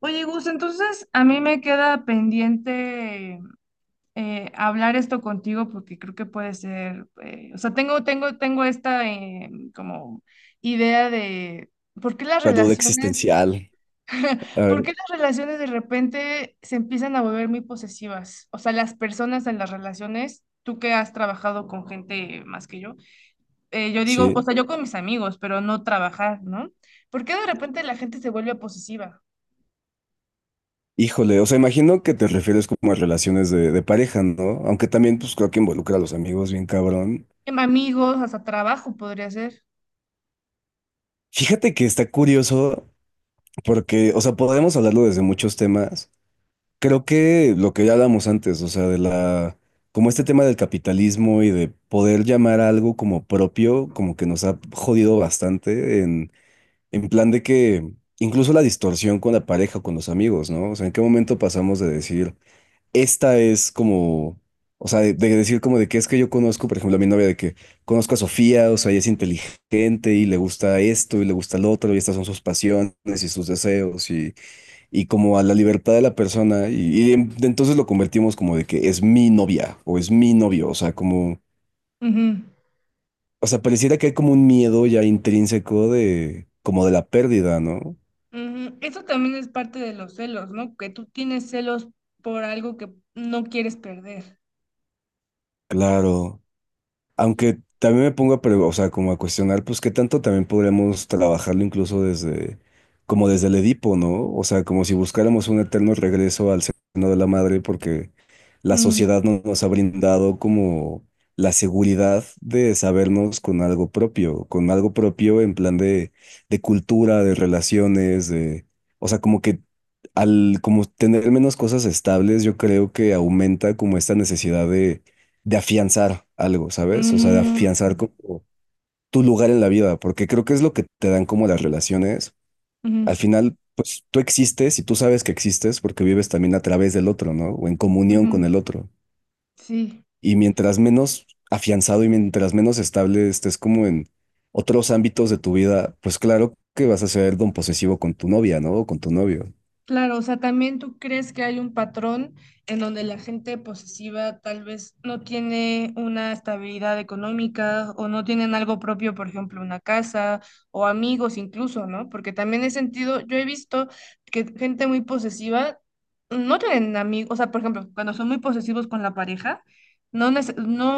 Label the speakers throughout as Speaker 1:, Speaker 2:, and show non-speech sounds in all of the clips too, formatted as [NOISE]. Speaker 1: Oye, Gus, entonces a mí me queda pendiente hablar esto contigo porque creo que puede ser, o sea, tengo esta como idea de por qué las
Speaker 2: La duda
Speaker 1: relaciones,
Speaker 2: existencial.
Speaker 1: [LAUGHS]
Speaker 2: A
Speaker 1: por qué las relaciones de repente se empiezan a volver muy posesivas. O sea, las personas en las relaciones, tú que has trabajado con gente más que yo, yo digo, o
Speaker 2: sí.
Speaker 1: sea, yo con mis amigos, pero no trabajar, ¿no? ¿Por qué de repente la gente se vuelve posesiva?
Speaker 2: Híjole, o sea, imagino que te refieres como a relaciones de pareja, ¿no? Aunque también, pues creo que involucra a los amigos, bien cabrón.
Speaker 1: Amigos, hasta trabajo podría ser.
Speaker 2: Fíjate que está curioso porque, o sea, podemos hablarlo desde muchos temas. Creo que lo que ya hablamos antes, o sea, de la, como este tema del capitalismo y de poder llamar a algo como propio, como que nos ha jodido bastante en plan de que incluso la distorsión con la pareja o con los amigos, ¿no? O sea, ¿en qué momento pasamos de decir, esta es como, o sea, de decir como de que es que yo conozco, por ejemplo, a mi novia de que conozco a Sofía, o sea, ella es inteligente y le gusta esto y le gusta lo otro y estas son sus pasiones y sus deseos y como a la libertad de la persona y entonces lo convertimos como de que es mi novia o es mi novio, o sea, como,
Speaker 1: Ujú,
Speaker 2: o sea, pareciera que hay como un miedo ya intrínseco como de la pérdida, ¿no?
Speaker 1: ujú. Eso también es parte de los celos, ¿no? Que tú tienes celos por algo que no quieres perder.
Speaker 2: Claro. Aunque también me pongo a, o sea, como a cuestionar, pues qué tanto también podríamos trabajarlo incluso como desde el Edipo, ¿no? O sea, como si buscáramos un eterno regreso al seno de la madre, porque la
Speaker 1: Mm,
Speaker 2: sociedad no nos ha brindado como la seguridad de sabernos con algo propio en plan de cultura, de relaciones, o sea, como que al como tener menos cosas estables, yo creo que aumenta como esta necesidad de afianzar algo, ¿sabes? O sea, de
Speaker 1: mm,
Speaker 2: afianzar como tu lugar en la vida, porque creo que es lo que te dan como las relaciones.
Speaker 1: ujú,
Speaker 2: Al final, pues tú existes y tú sabes que existes porque vives también a través del otro, ¿no? O en comunión con
Speaker 1: ujú.
Speaker 2: el otro.
Speaker 1: Sí.
Speaker 2: Y mientras menos afianzado y mientras menos estable estés como en otros ámbitos de tu vida, pues claro que vas a ser don posesivo con tu novia, ¿no? O con tu novio.
Speaker 1: Claro, o sea, también tú crees que hay un patrón en donde la gente posesiva tal vez no tiene una estabilidad económica o no tienen algo propio, por ejemplo, una casa o amigos incluso, ¿no? Porque también he sentido, yo he visto que gente muy posesiva no tienen amigos, o sea, por ejemplo, cuando son muy posesivos con la pareja, no,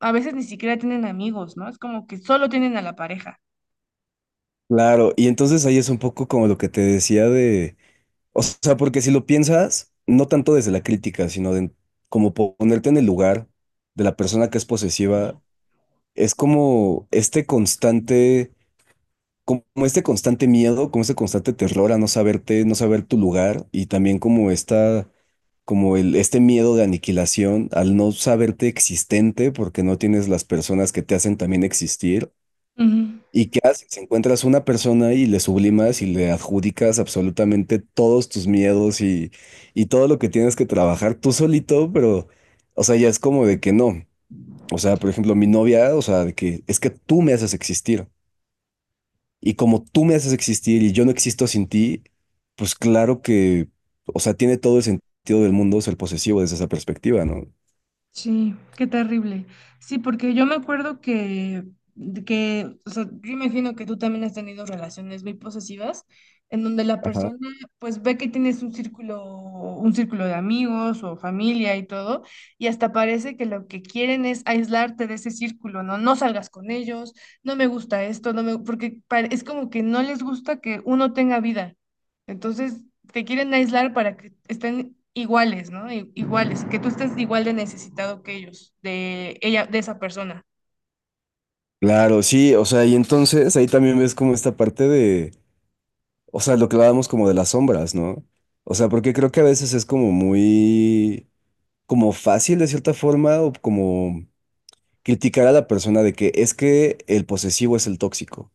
Speaker 1: a veces ni siquiera tienen amigos, ¿no? Es como que solo tienen a la pareja.
Speaker 2: Claro, y entonces ahí es un poco como lo que te decía de. O sea, porque si lo piensas, no tanto desde la crítica, sino de como ponerte en el lugar de la persona que es posesiva, es como este constante miedo, como este constante terror a no saberte, no saber tu lugar y también como esta, como el, este miedo de aniquilación al no saberte existente porque no tienes las personas que te hacen también existir. ¿Y qué haces? Encuentras una persona y le sublimas y le adjudicas absolutamente todos tus miedos y todo lo que tienes que trabajar tú solito, pero, o sea, ya es como de que no. O sea, por ejemplo, mi novia, o sea, de que es que tú me haces existir. Y como tú me haces existir y yo no existo sin ti, pues claro que, o sea, tiene todo el sentido del mundo ser posesivo desde esa perspectiva, ¿no?
Speaker 1: Sí, qué terrible. Sí, porque yo me acuerdo o sea, yo imagino que tú también has tenido relaciones muy posesivas, en donde la
Speaker 2: Ajá.
Speaker 1: persona pues ve que tienes un círculo de amigos o familia y todo, y hasta parece que lo que quieren es aislarte de ese círculo, ¿no? No salgas con ellos, no me gusta esto, no me, porque es como que no les gusta que uno tenga vida. Entonces, te quieren aislar para que estén iguales, ¿no? Iguales, que tú estés igual de necesitado que ellos, de ella, de esa persona.
Speaker 2: Claro, sí, o sea, y entonces ahí también ves como esta parte de. O sea, lo que hablábamos como de las sombras, ¿no? O sea, porque creo que a veces es como muy, como fácil de cierta forma, o como criticar a la persona de que es que el posesivo es el tóxico.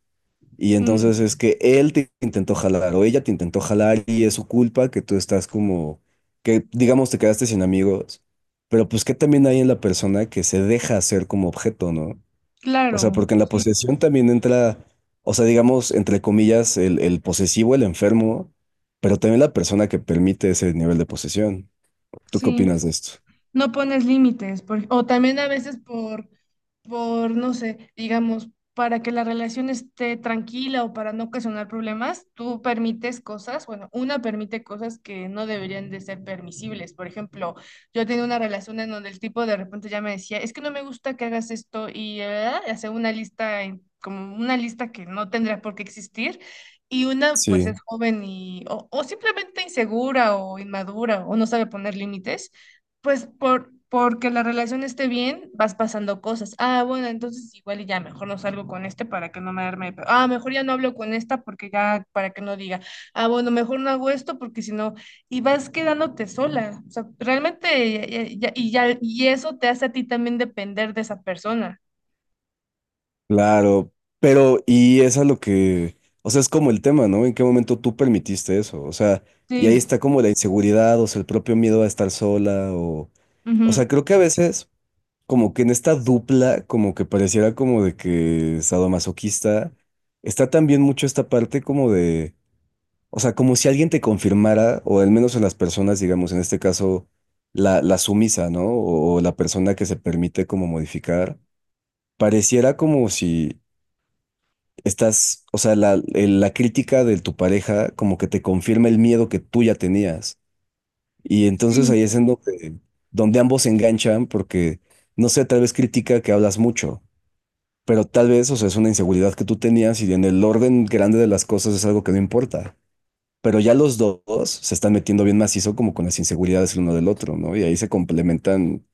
Speaker 2: Y entonces es
Speaker 1: Mm,
Speaker 2: que él te intentó jalar o ella te intentó jalar y es su culpa que tú estás como, que digamos te quedaste sin amigos. Pero pues que también hay en la persona que se deja hacer como objeto, ¿no? O sea,
Speaker 1: claro,
Speaker 2: porque en la
Speaker 1: sí,
Speaker 2: posesión también entra, o sea, digamos, entre comillas, el posesivo, el enfermo, pero también la persona que permite ese nivel de posesión. ¿Tú qué
Speaker 1: sí.
Speaker 2: opinas de esto?
Speaker 1: No pones límites, o también a veces por, no sé, digamos, para que la relación esté tranquila o para no ocasionar problemas, tú permites cosas, bueno, una permite cosas que no deberían de ser permisibles. Por ejemplo, yo tenía una relación en donde el tipo de repente ya me decía, es que no me gusta que hagas esto y hace una lista, como una lista que no tendría por qué existir. Y una, pues es
Speaker 2: Sí,
Speaker 1: joven y, o simplemente insegura o inmadura o no sabe poner límites. Pues porque la relación esté bien, vas pasando cosas. Ah, bueno, entonces igual y ya mejor no salgo con este para que no me arme. Ah, mejor ya no hablo con esta porque ya para que no diga. Ah, bueno, mejor no hago esto porque si no. Y vas quedándote sola. O sea, realmente, y ya, y eso te hace a ti también depender de esa persona.
Speaker 2: claro, pero y es a lo que, o sea, es como el tema, ¿no? ¿En qué momento tú permitiste eso? O sea, y ahí
Speaker 1: Sí.
Speaker 2: está como la inseguridad, o sea, el propio miedo a estar sola, o sea,
Speaker 1: Ujú.
Speaker 2: creo que a veces, como que en esta dupla, como que pareciera como de que sadomasoquista, está también mucho esta parte como de. O sea, como si alguien te confirmara, o al menos en las personas, digamos, en este caso, la sumisa, ¿no? O la persona que se permite como modificar, pareciera como si estás, o sea, la crítica de tu pareja como que te confirma el miedo que tú ya tenías. Y
Speaker 1: Sí.
Speaker 2: entonces ahí es en donde, ambos se enganchan porque, no sé, tal vez critica que hablas mucho, pero tal vez, o sea, es una inseguridad que tú tenías y en el orden grande de las cosas es algo que no importa. Pero ya los dos se están metiendo bien macizo como con las inseguridades el uno del otro, ¿no? Y ahí se complementan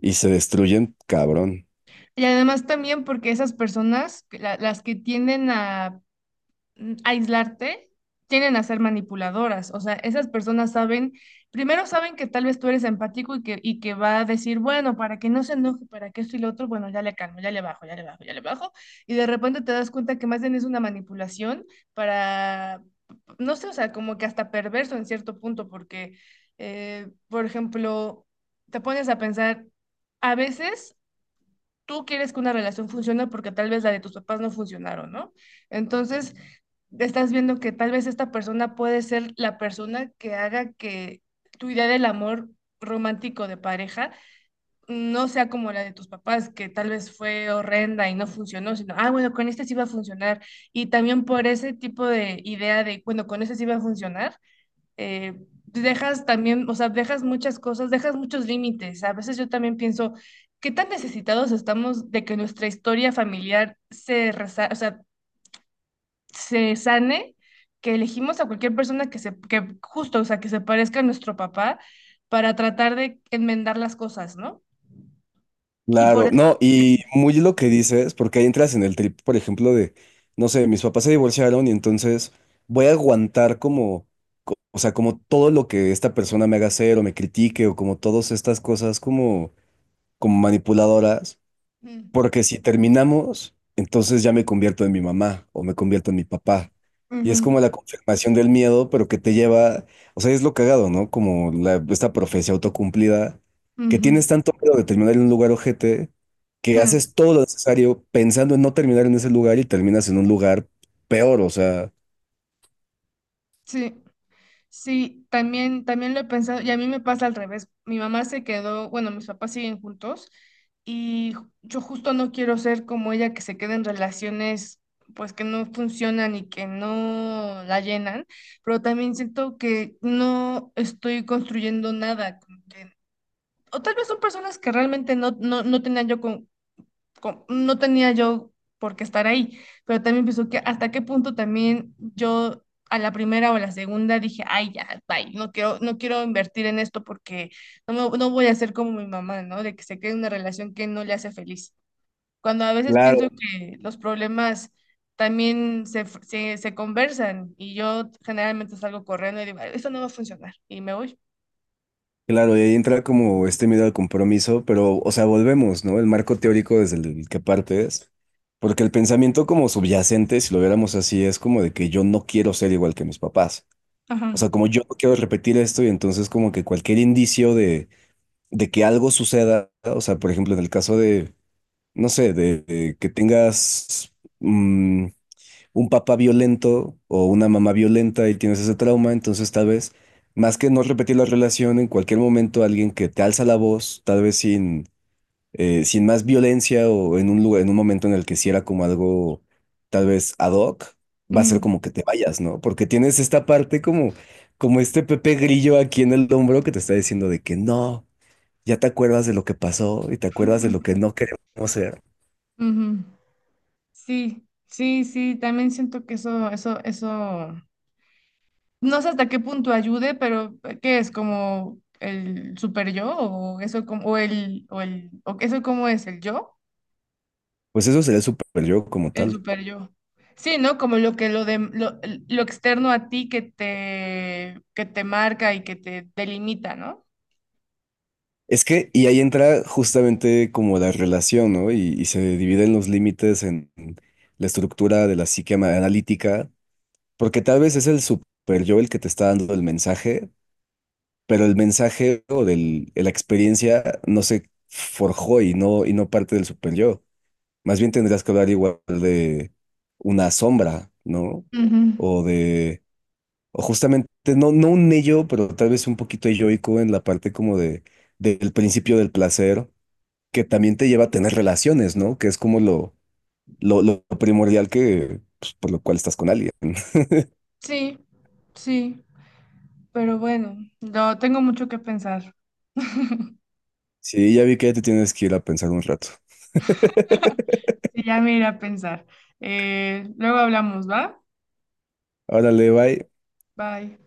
Speaker 2: y se destruyen, cabrón.
Speaker 1: Y además también porque esas personas, que las que tienden a aislarte, tienden a ser manipuladoras. O sea, esas personas saben, primero saben que tal vez tú eres empático y que va a decir, bueno, para que no se enoje, para que esto y lo otro, bueno, ya le calmo, ya le bajo, ya le bajo, ya le bajo. Y de repente te das cuenta que más bien es una manipulación para, no sé, o sea, como que hasta perverso en cierto punto, porque, por ejemplo, te pones a pensar, a veces tú quieres que una relación funcione porque tal vez la de tus papás no funcionaron, ¿no? Entonces, estás viendo que tal vez esta persona puede ser la persona que haga que tu idea del amor romántico de pareja no sea como la de tus papás, que tal vez fue horrenda y no funcionó, sino, ah, bueno, con este sí va a funcionar. Y también por ese tipo de idea de, bueno, con este sí va a funcionar, dejas también, o sea, dejas muchas cosas, dejas muchos límites. A veces yo también pienso, ¿qué tan necesitados estamos de que nuestra historia familiar se, resa o sea, se sane? Que elegimos a cualquier persona que que justo, o sea, que se parezca a nuestro papá para tratar de enmendar las cosas, ¿no? Y por
Speaker 2: Claro,
Speaker 1: eso...
Speaker 2: no, y muy lo que dices, porque ahí entras en el trip, por ejemplo, no sé, mis papás se divorciaron y entonces voy a aguantar como, o sea, como todo lo que esta persona me haga hacer o me critique o como todas estas cosas como, como manipuladoras.
Speaker 1: Mm,
Speaker 2: Porque si terminamos, entonces ya me convierto en mi mamá o me convierto en mi papá. Y es
Speaker 1: ujú,
Speaker 2: como la confirmación del miedo, pero que te lleva, o sea, es lo cagado, ¿no? Como esta profecía autocumplida, que
Speaker 1: ujú,
Speaker 2: tienes tanto miedo de terminar en un lugar ojete, que
Speaker 1: ujú.
Speaker 2: haces todo lo necesario pensando en no terminar en ese lugar y terminas en un lugar peor, o sea.
Speaker 1: Sí. Sí, también, también lo he pensado y a mí me pasa al revés. Mi mamá se quedó, bueno, mis papás siguen juntos y yo justo no quiero ser como ella que se queda en relaciones pues que no funcionan y que no la llenan, pero también siento que no estoy construyendo nada. O tal vez son personas que realmente no tenía yo por qué estar ahí, pero también pienso que hasta qué punto también yo a la primera o a la segunda dije, ay, ya, bye, no quiero, invertir en esto porque no voy a ser como mi mamá, ¿no? De que se quede en una relación que no le hace feliz. Cuando a veces pienso
Speaker 2: Claro.
Speaker 1: que los problemas también se conversan y yo generalmente salgo corriendo y digo, "Ay, eso no va a funcionar y me voy."
Speaker 2: Claro, y ahí entra como este miedo al compromiso, pero, o sea, volvemos, ¿no? El marco teórico desde el que partes, porque el pensamiento como subyacente, si lo viéramos así, es como de que yo no quiero ser igual que mis papás. O
Speaker 1: Ajá.
Speaker 2: sea, como yo no quiero repetir esto y entonces como que cualquier indicio de que algo suceda, o sea, por ejemplo, en el caso de, no sé, de, que tengas, mm, un papá violento o una mamá violenta y tienes ese trauma, entonces tal vez, más que no repetir la relación, en cualquier momento alguien que te alza la voz, tal vez sin más violencia o en un lugar, en un momento en el que si era como algo tal vez ad hoc, va a ser
Speaker 1: Ujú.
Speaker 2: como que te vayas, ¿no? Porque tienes esta parte como este Pepe Grillo aquí en el hombro que te está diciendo de que no. Ya te acuerdas de lo que pasó y te acuerdas de lo que
Speaker 1: Ujú.
Speaker 2: no queremos ser.
Speaker 1: Ujú. Sí, sí, sí, también siento que eso, no sé hasta qué punto ayude, pero ¿qué es como el super yo o eso como, o eso cómo es el yo,
Speaker 2: Pues eso sería el super yo como
Speaker 1: el
Speaker 2: tal.
Speaker 1: super yo? Sí, ¿no? Como lo que lo de lo externo a ti que que te marca y que te delimita, ¿no?
Speaker 2: Es que, y ahí entra justamente como la relación, ¿no? Y se dividen los límites en la estructura de la psique analítica, porque tal vez es el super yo el que te está dando el mensaje, pero el mensaje o del, la experiencia no se forjó y no, parte del super yo. Más bien tendrías que hablar igual de una sombra, ¿no?
Speaker 1: Ujú.
Speaker 2: O de, o justamente, no un ello, pero tal vez un poquito elloico en la parte como del principio del placer que también te lleva a tener relaciones, ¿no? Que es como lo, lo primordial que, pues, por lo cual estás con alguien. [LAUGHS]
Speaker 1: Sí, sí, pero bueno, no, tengo mucho que pensar.
Speaker 2: Sí, ya vi que ya te tienes que ir a pensar un rato.
Speaker 1: Sí, ya me iré a pensar. Luego hablamos, ¿va?
Speaker 2: Órale, bye.
Speaker 1: Bye.